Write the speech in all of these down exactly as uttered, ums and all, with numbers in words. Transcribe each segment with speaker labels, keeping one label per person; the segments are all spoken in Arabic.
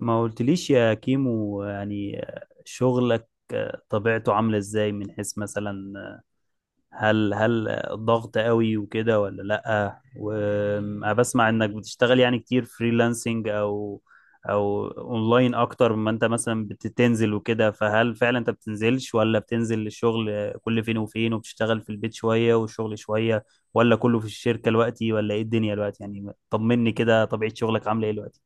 Speaker 1: ما قلتليش يا كيمو، يعني شغلك طبيعته عاملة ازاي؟ من حيث مثلا هل هل ضغط قوي وكده ولا لأ؟ وبسمع انك بتشتغل يعني كتير فريلانسنج او او اونلاين اكتر ما انت مثلا بتنزل وكده، فهل فعلا انت بتنزلش ولا بتنزل للشغل كل فين وفين وبتشتغل في البيت شوية والشغل شوية ولا كله في الشركة دلوقتي؟ ولا ايه الدنيا دلوقتي؟ يعني طمني كده، طبيعة شغلك عاملة ايه دلوقتي؟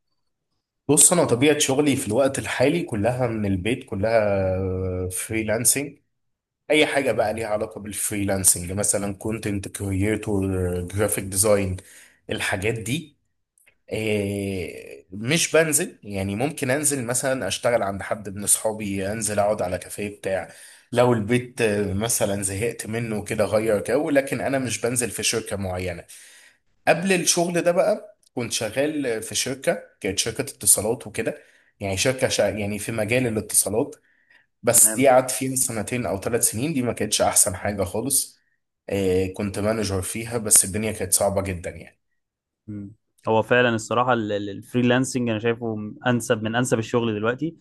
Speaker 2: بص انا طبيعه شغلي في الوقت الحالي كلها من البيت، كلها فريلانسنج. اي حاجه بقى ليها علاقه بالفريلانسنج، مثلا كونتنت كرييتور، جرافيك ديزاين، الحاجات دي. آه، مش بنزل، يعني ممكن انزل مثلا اشتغل عند حد من اصحابي، انزل اقعد على كافيه بتاع لو البيت آه، مثلا زهقت منه كده، غير جو. لكن انا مش بنزل في شركه معينه. قبل الشغل ده بقى كنت شغال في شركة، كانت شركة اتصالات وكده. يعني شركة شا يعني في مجال الاتصالات. بس دي
Speaker 1: تمام.
Speaker 2: قعدت فيها سنتين أو ثلاث سنين، دي ما كانتش أحسن حاجة خالص. آه كنت مانجر فيها، بس الدنيا كانت صعبة جدا يعني.
Speaker 1: مم. هو فعلا الصراحة ال- ال- الفريلانسنج أنا شايفه م- أنسب من أنسب الشغل دلوقتي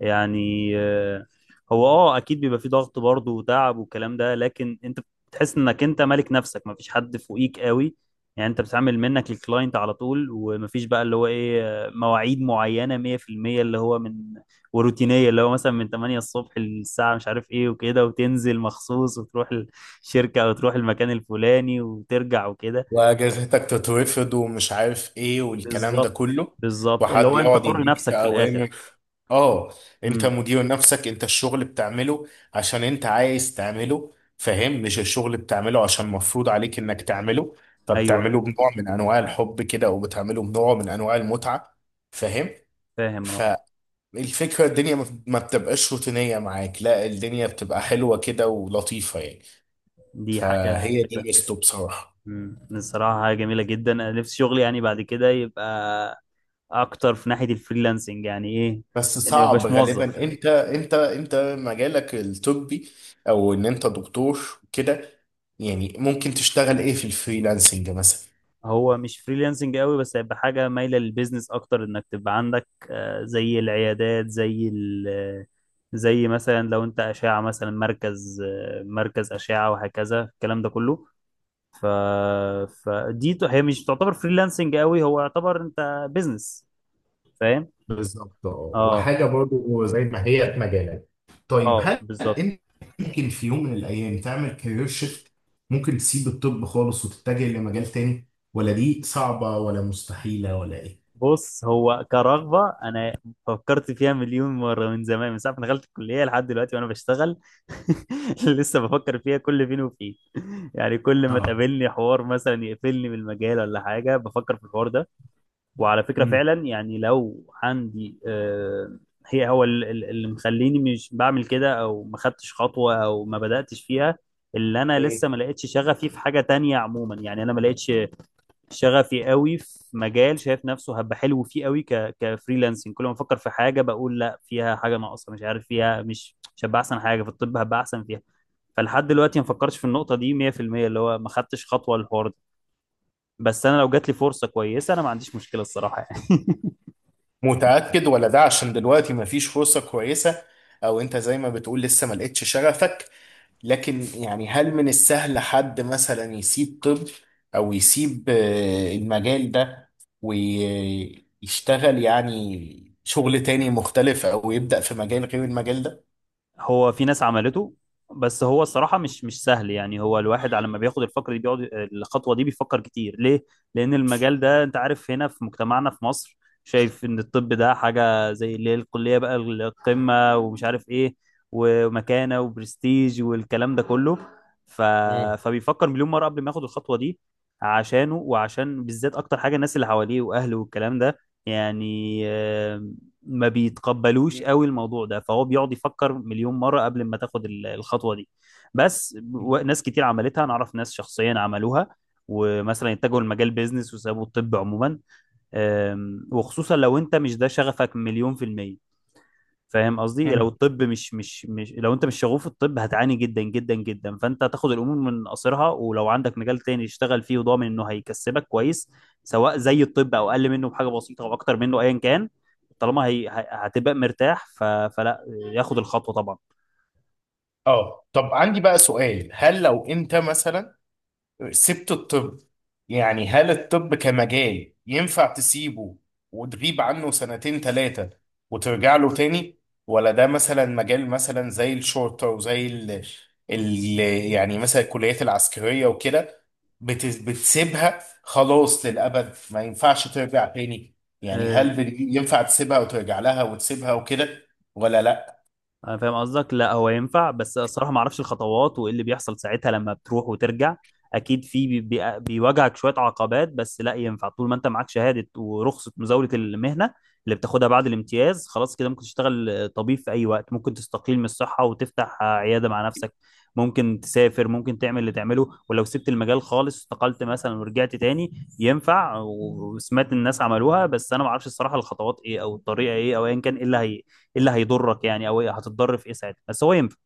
Speaker 1: يعني. آه، هو أه أكيد بيبقى فيه ضغط برضه وتعب والكلام ده، لكن أنت بتحس إنك أنت مالك نفسك، مفيش حد فوقيك قوي. يعني أنت بتتعامل منك للكلاينت على طول، ومفيش بقى اللي هو إيه آه، مواعيد معينة مية في المية اللي هو من وروتينية، اللي هو مثلا من تمانية الصبح للساعة مش عارف إيه وكده، وتنزل مخصوص وتروح الشركة أو تروح المكان الفلاني وترجع وكده.
Speaker 2: وأجازتك تترفض ومش عارف إيه والكلام ده
Speaker 1: بالظبط.
Speaker 2: كله.
Speaker 1: بالظبط، اللي
Speaker 2: وحد
Speaker 1: هو انت
Speaker 2: يقعد
Speaker 1: حر
Speaker 2: يديك في
Speaker 1: نفسك في الاخر.
Speaker 2: أوامر. اه، انت
Speaker 1: امم.
Speaker 2: مدير نفسك، انت الشغل بتعمله عشان انت عايز تعمله، فاهم؟ مش الشغل بتعمله عشان مفروض عليك انك تعمله.
Speaker 1: ايوه، أيوة.
Speaker 2: فبتعمله بنوع من انواع الحب كده، وبتعمله بنوع من انواع المتعة. فاهم.
Speaker 1: فاهم، اه.
Speaker 2: فالفكرة الدنيا ما ما بتبقاش روتينية معاك، لا الدنيا بتبقى حلوة كده ولطيفة يعني.
Speaker 1: دي حاجه على
Speaker 2: فهي دي
Speaker 1: فكره.
Speaker 2: ميزته بصراحة.
Speaker 1: امم الصراحه حاجه جميله جدا، انا نفسي شغلي يعني بعد كده يبقى اكتر في ناحيه الفريلانسنج، يعني ايه؟
Speaker 2: بس
Speaker 1: اني ما
Speaker 2: صعب
Speaker 1: بقاش موظف.
Speaker 2: غالبا، انت انت انت مجالك الطبي او ان انت دكتور كده. يعني ممكن تشتغل ايه في الفريلانسنج مثلا؟
Speaker 1: هو مش فريلانسنج قوي، بس هيبقى حاجه مايله للبيزنس اكتر، انك تبقى عندك آه، زي العيادات، زي ال زي مثلا لو انت اشعه مثلا مركز آه، مركز اشعه وهكذا الكلام ده كله. ف... فدي ت- هي مش تعتبر فريلانسنج قوي، هو يعتبر انت بيزنس. فاهم.
Speaker 2: بالظبط، اه،
Speaker 1: اه،
Speaker 2: وحاجه برضو زي ما هي في مجالك. طيب،
Speaker 1: اه
Speaker 2: هل
Speaker 1: بالظبط.
Speaker 2: انت ممكن في يوم من الايام تعمل كارير شيفت؟ ممكن تسيب الطب خالص وتتجه لمجال تاني؟ ولا دي صعبة ولا مستحيلة ولا ايه؟
Speaker 1: بص هو كرغبة أنا فكرت فيها مليون مرة، من زمان من ساعة ما دخلت الكلية لحد دلوقتي وأنا بشتغل لسه بفكر فيها كل فين وفين. يعني كل ما
Speaker 2: اه.
Speaker 1: تقابلني حوار مثلا يقفلني من المجال ولا حاجة بفكر في الحوار ده. وعلى فكرة
Speaker 2: مم.
Speaker 1: فعلا يعني لو عندي آه، هي هو ال- ال- اللي مخليني مش بعمل كده او ما خدتش خطوة او ما بدأتش فيها، اللي انا لسه ما لقيتش شغفي في حاجة تانية عموما، يعني انا ما لقيتش شغفي قوي في مجال شايف نفسه هبقى حلو فيه قوي ك كفريلانسنج. كل ما افكر في حاجة بقول لا فيها حاجة ناقصة، مش عارف فيها مش مش هبقى احسن حاجة في الطب، هبقى احسن فيها. فلحد دلوقتي ما فكرتش في النقطة دي مية في المية، اللي هو ما خدتش خطوة للحوار ده، بس انا لو جات لي فرصة كويسة انا ما عنديش مشكلة الصراحة يعني.
Speaker 2: متأكد ولا ده عشان دلوقتي مفيش فرصة كويسة، او انت زي ما بتقول لسه ما لقيتش شغفك؟ لكن يعني هل من السهل حد مثلا يسيب طب او يسيب آه، المجال ده ويشتغل يعني شغل تاني مختلف او يبدأ في مجال غير المجال ده؟
Speaker 1: هو في ناس عملته، بس هو الصراحة مش مش سهل يعني. هو الواحد على ما بياخد الفكرة دي بيقعد الخطوة دي بيفكر كتير، ليه؟ لأن المجال ده أنت عارف هنا في مجتمعنا في مصر شايف إن الطب ده حاجة زي اللي هي الكلية بقى القمة، ومش عارف إيه ومكانة وبرستيج والكلام ده كله. ف...
Speaker 2: مم.
Speaker 1: فبيفكر مليون مرة قبل ما ياخد الخطوة دي، عشانه وعشان بالذات أكتر حاجة الناس اللي حواليه وأهله والكلام ده. يعني آه، ما بيتقبلوش قوي الموضوع ده، فهو بيقعد يفكر مليون مرة قبل ما تاخد ال- الخطوة دي. بس و- ناس كتير عملتها، انا اعرف ناس شخصيا عملوها ومثلا اتجهوا لمجال بيزنس وسابوا الطب عموما. أم، وخصوصا لو انت مش ده شغفك مليون في المية. فاهم قصدي؟ لو
Speaker 2: مم.
Speaker 1: الطب مش مش مش لو انت مش شغوف في الطب هتعاني جدا جدا جدا، فانت تاخد الامور من قصرها، ولو عندك مجال تاني تشتغل فيه وضامن انه هيكسبك كويس سواء زي الطب او اقل منه بحاجه بسيطه او اكتر منه ايا كان، طالما هي ه- هتبقى مرتاح ف... فلا ياخد الخطوه طبعا.
Speaker 2: اه طب عندي بقى سؤال، هل لو انت مثلا سبت الطب، يعني هل الطب كمجال ينفع تسيبه وتغيب عنه سنتين ثلاثة وترجع له تاني؟ ولا ده مثلا مجال مثلا زي الشرطة وزي ال... ال... يعني مثلا الكليات العسكرية وكده؟ بت... بتسيبها خلاص للأبد، ما ينفعش ترجع تاني. يعني هل بت- ينفع تسيبها وترجع لها وتسيبها وكده، ولا لا؟
Speaker 1: انا فاهم قصدك، لا هو ينفع، بس الصراحه ما اعرفش الخطوات وايه اللي بيحصل ساعتها لما بتروح وترجع. اكيد في بي بي بيواجهك شويه عقبات، بس لا ينفع. طول ما انت معاك شهاده ورخصه مزاوله المهنه اللي بتاخدها بعد الامتياز، خلاص كده ممكن تشتغل طبيب في اي وقت. ممكن تستقيل من الصحه وتفتح عياده مع نفسك، ممكن تسافر، ممكن تعمل اللي تعمله. ولو سبت المجال خالص استقلت مثلا ورجعت تاني ينفع، وسمعت الناس عملوها، بس انا ما اعرفش الصراحه الخطوات ايه او الطريقه ايه او ايا كان ايه اللي هي ايه اللي هيضرك يعني، او إيه هتتضر في ايه ساعتها، بس هو ينفع.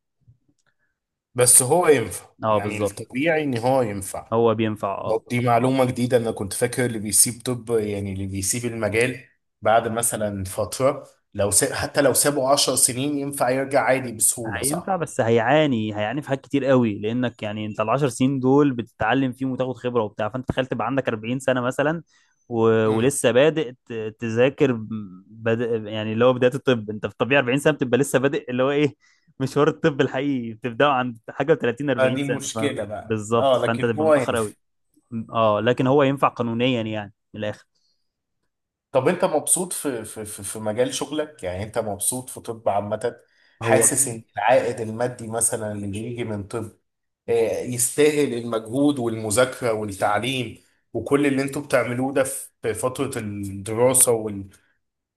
Speaker 2: بس هو ينفع،
Speaker 1: اه
Speaker 2: يعني
Speaker 1: بالظبط.
Speaker 2: الطبيعي ان هو ينفع.
Speaker 1: هو بينفع، اه.
Speaker 2: دي معلومة جديدة، أنا كنت فاكر اللي بيسيب طب، يعني اللي بيسيب المجال بعد مثلا فترة، لو ساب حتى لو سابه عشر سنين، ينفع يرجع عادي بسهولة،
Speaker 1: هينفع
Speaker 2: صح؟
Speaker 1: بس هيعاني، هيعاني في حاجات كتير قوي، لانك يعني انت العشر سنين دول بتتعلم فيهم وتاخد خبره وبتاع، فانت تخيل تبقى عندك اربعين سنه مثلا و...
Speaker 2: امم.
Speaker 1: ولسه بادئ ت... تذاكر. بد... يعني اللي هو بدايه الطب انت في الطبيعي اربعين سنه بتبقى لسه بادئ، اللي هو ايه مشوار الطب الحقيقي بتبداه عند حاجه و30
Speaker 2: آه،
Speaker 1: اربعين
Speaker 2: دي
Speaker 1: سنه، ف...
Speaker 2: مشكلة بقى،
Speaker 1: بالظبط
Speaker 2: اه
Speaker 1: فانت
Speaker 2: لكن
Speaker 1: تبقى
Speaker 2: هو
Speaker 1: متاخر
Speaker 2: ينفع.
Speaker 1: قوي، اه لكن
Speaker 2: مم.
Speaker 1: هو ينفع قانونيا يعني من الاخر.
Speaker 2: طب أنت مبسوط في في في في مجال شغلك؟ يعني أنت مبسوط في طب عامة؟
Speaker 1: هو
Speaker 2: حاسس إن العائد المادي مثلا اللي بيجي من طب آه، يستاهل المجهود والمذاكرة والتعليم وكل اللي أنتوا بتعملوه ده في في فترة الدراسة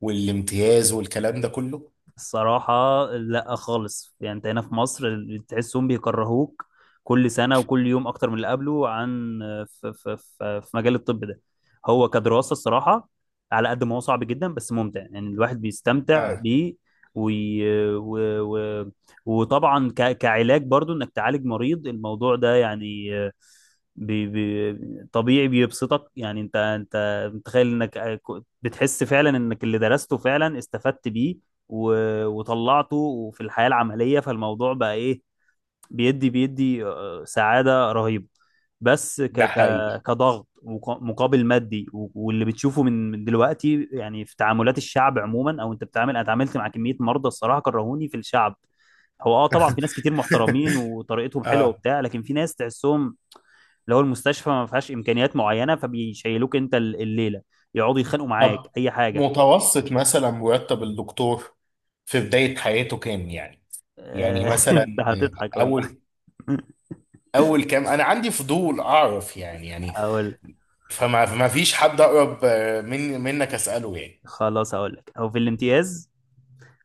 Speaker 2: والامتياز والكلام ده كله؟
Speaker 1: الصراحة لا خالص، يعني انت هنا في مصر تحسهم بيكرهوك كل سنة وكل يوم أكتر من اللي قبله، عن في, في, في, في مجال الطب ده. هو كدراسة الصراحة على قد ما هو صعب جدا بس ممتع، يعني الواحد بيستمتع
Speaker 2: اه
Speaker 1: بيه وي... و... و... وطبعا ك... كعلاج برضو انك تعالج مريض، الموضوع ده يعني بي... بي... طبيعي بيبسطك. يعني انت انت متخيل انك بتحس فعلا انك اللي درسته فعلا استفدت بيه و- وطلعته في الحياة العملية، فالموضوع بقى ايه بيدي بيدي آه، سعادة رهيبة. بس ك
Speaker 2: ده
Speaker 1: ك
Speaker 2: حقيقي.
Speaker 1: كضغط وق- مقابل مادي و- واللي بتشوفه من من دلوقتي، يعني في تعاملات الشعب عموما او انت بتعامل. انا اتعاملت مع كمية مرضى الصراحة كرهوني في الشعب. هو اه طبعا في ناس كتير محترمين وطريقتهم حلوه
Speaker 2: اه
Speaker 1: وبتاع، لكن في ناس تحسهم اللي هو المستشفى ما فيهاش امكانيات معينه فبيشيلوك انت ال- الليله، يقعدوا يتخانقوا معاك
Speaker 2: طب
Speaker 1: اي حاجه.
Speaker 2: متوسط مثلا مرتب الدكتور في بداية حياته كام يعني؟
Speaker 1: آه،
Speaker 2: يعني مثلا
Speaker 1: انت هتضحك والله
Speaker 2: اول اول كام، انا عندي فضول اعرف يعني يعني
Speaker 1: هقول
Speaker 2: فما ما فيش حد اقرب آه، من منك اساله يعني.
Speaker 1: خلاص هقول لك. هو في الامتياز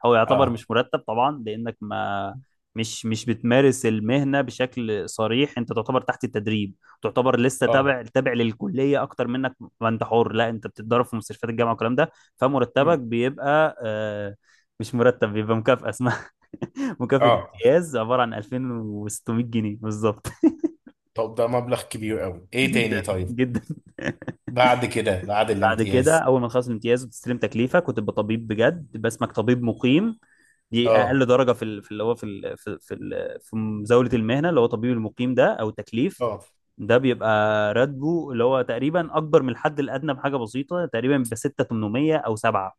Speaker 1: هو يعتبر
Speaker 2: اه.
Speaker 1: مش مرتب طبعا، لانك ما مش مش بتمارس المهنه بشكل صريح، انت تعتبر تحت التدريب، تعتبر لسه
Speaker 2: اه.
Speaker 1: تابع تابع للكليه اكتر منك. ما انت حر، لا انت بتتدرب في مستشفيات الجامعه والكلام ده. فمرتبك
Speaker 2: مم.
Speaker 1: بيبقى آه، مش مرتب، بيبقى مكافاه اسمها مكافاه
Speaker 2: اه
Speaker 1: امتياز عباره عن الفين وستمية جنيه بالظبط
Speaker 2: طب ده مبلغ كبير قوي، ايه تاني؟
Speaker 1: جدا
Speaker 2: طيب
Speaker 1: جدا.
Speaker 2: بعد كده بعد
Speaker 1: بعد كده
Speaker 2: الامتياز.
Speaker 1: اول ما تخلص الامتياز وتستلم تكليفك وتبقى طبيب بجد باسمك، طبيب مقيم. دي اقل
Speaker 2: اه.
Speaker 1: درجه في ال- في اللي هو في ال- في في ال- في مزاوله المهنه، اللي هو طبيب المقيم ده او تكليف.
Speaker 2: اه.
Speaker 1: ده بيبقى راتبه اللي هو تقريبا اكبر من الحد الادنى بحاجه بسيطه، تقريبا ب ستة آلاف وتمنمية او سبعة.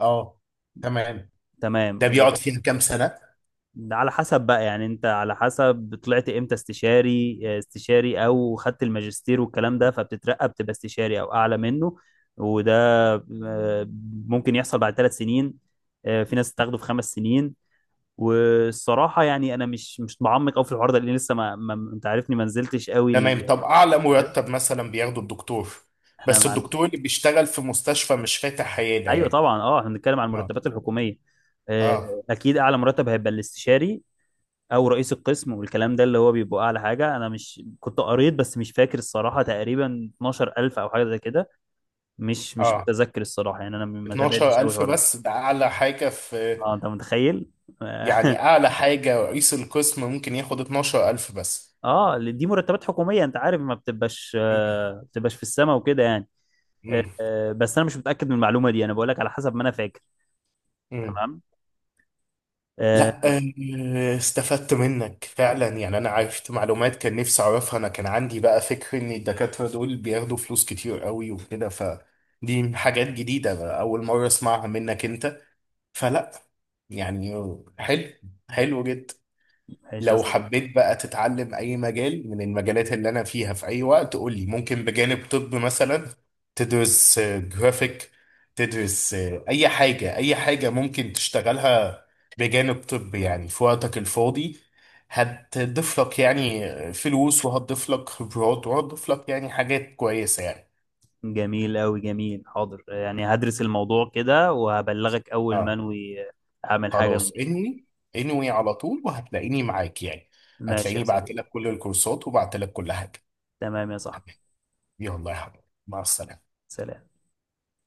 Speaker 2: اه تمام.
Speaker 1: تمام
Speaker 2: ده بيقعد
Speaker 1: وده،
Speaker 2: فيها كام سنة؟
Speaker 1: ده على حسب بقى، يعني انت على حسب طلعت امتى استشاري، آه، استشاري او خدت الماجستير والكلام ده، فبتترقى بتبقى استشاري او اعلى منه. وده آه، ممكن يحصل بعد ثلاث سنين، آه، في ناس تاخده في خمس سنين. والصراحه يعني انا مش مش بعمق قوي في الحوار ده، لان لسه ما, ما انت عارفني ما نزلتش قوي ال...
Speaker 2: تمام. طب أعلى
Speaker 1: كده؟
Speaker 2: مرتب مثلا بياخده الدكتور؟
Speaker 1: احنا
Speaker 2: بس
Speaker 1: مع...
Speaker 2: الدكتور اللي بيشتغل في مستشفى مش فاتح عيادة
Speaker 1: ايوه
Speaker 2: يعني.
Speaker 1: طبعا، اه احنا بنتكلم عن
Speaker 2: اه.
Speaker 1: المرتبات الحكوميه. آه،
Speaker 2: اه.
Speaker 1: اكيد اعلى مرتب هيبقى الاستشاري او رئيس القسم، والكلام ده اللي هو بيبقى اعلى حاجه. انا مش كنت قريت بس مش فاكر الصراحه، تقريبا اتناشر الف او حاجه زي كده. مش مش
Speaker 2: اه،
Speaker 1: متذكر الصراحه، يعني انا ما تابعتش قوي
Speaker 2: اتناشر الف
Speaker 1: الحوار ده.
Speaker 2: بس؟ ده أعلى حاجة في،
Speaker 1: اه انت متخيل.
Speaker 2: يعني أعلى حاجة رئيس القسم ممكن ياخد اثنا عشر ألف بس؟
Speaker 1: اه دي مرتبات حكوميه، انت عارف ما بتبقاش
Speaker 2: مم.
Speaker 1: آه، ما بتبقاش في السماء وكده يعني. آه،
Speaker 2: مم.
Speaker 1: آه، بس انا مش متاكد من المعلومه دي، انا بقول لك على حسب ما انا فاكر.
Speaker 2: مم.
Speaker 1: تمام. آه،
Speaker 2: لا آه، استفدت منك فعلا، يعني انا عرفت معلومات كان نفسي اعرفها. انا كان عندي بقى فكر ان الدكاترة دول بياخدوا فلوس كتير قوي وكده، فدي حاجات جديدة بقى، اول مرة اسمعها منك انت. فلا يعني، حلو، حلو جدا.
Speaker 1: ماشي يا
Speaker 2: لو
Speaker 1: صديقي.
Speaker 2: حبيت بقى تتعلم اي مجال من المجالات اللي انا فيها في اي وقت قول لي، ممكن بجانب طب مثلا تدرس جرافيك، تدرس آه، اي حاجة، اي حاجة ممكن تشتغلها بجانب طب يعني في وقتك الفاضي، هتضيف لك يعني فلوس، وهتضيف لك خبرات، وهتضيف لك يعني حاجات كويسة يعني.
Speaker 1: جميل قوي جميل. حاضر، آه، يعني هدرس الموضوع كده وهبلغك اول ما
Speaker 2: اه
Speaker 1: انوي، آه، اعمل حاجه من
Speaker 2: خلاص
Speaker 1: دي.
Speaker 2: انوي، انوي على طول وهتلاقيني معاك يعني،
Speaker 1: ماشي يا
Speaker 2: هتلاقيني بعت
Speaker 1: صديقي.
Speaker 2: لك كل الكورسات وبعت لك كل حاجة.
Speaker 1: تمام يا صاحبي.
Speaker 2: تمام. يلا يا حبيبي، مع السلامة.
Speaker 1: سلام.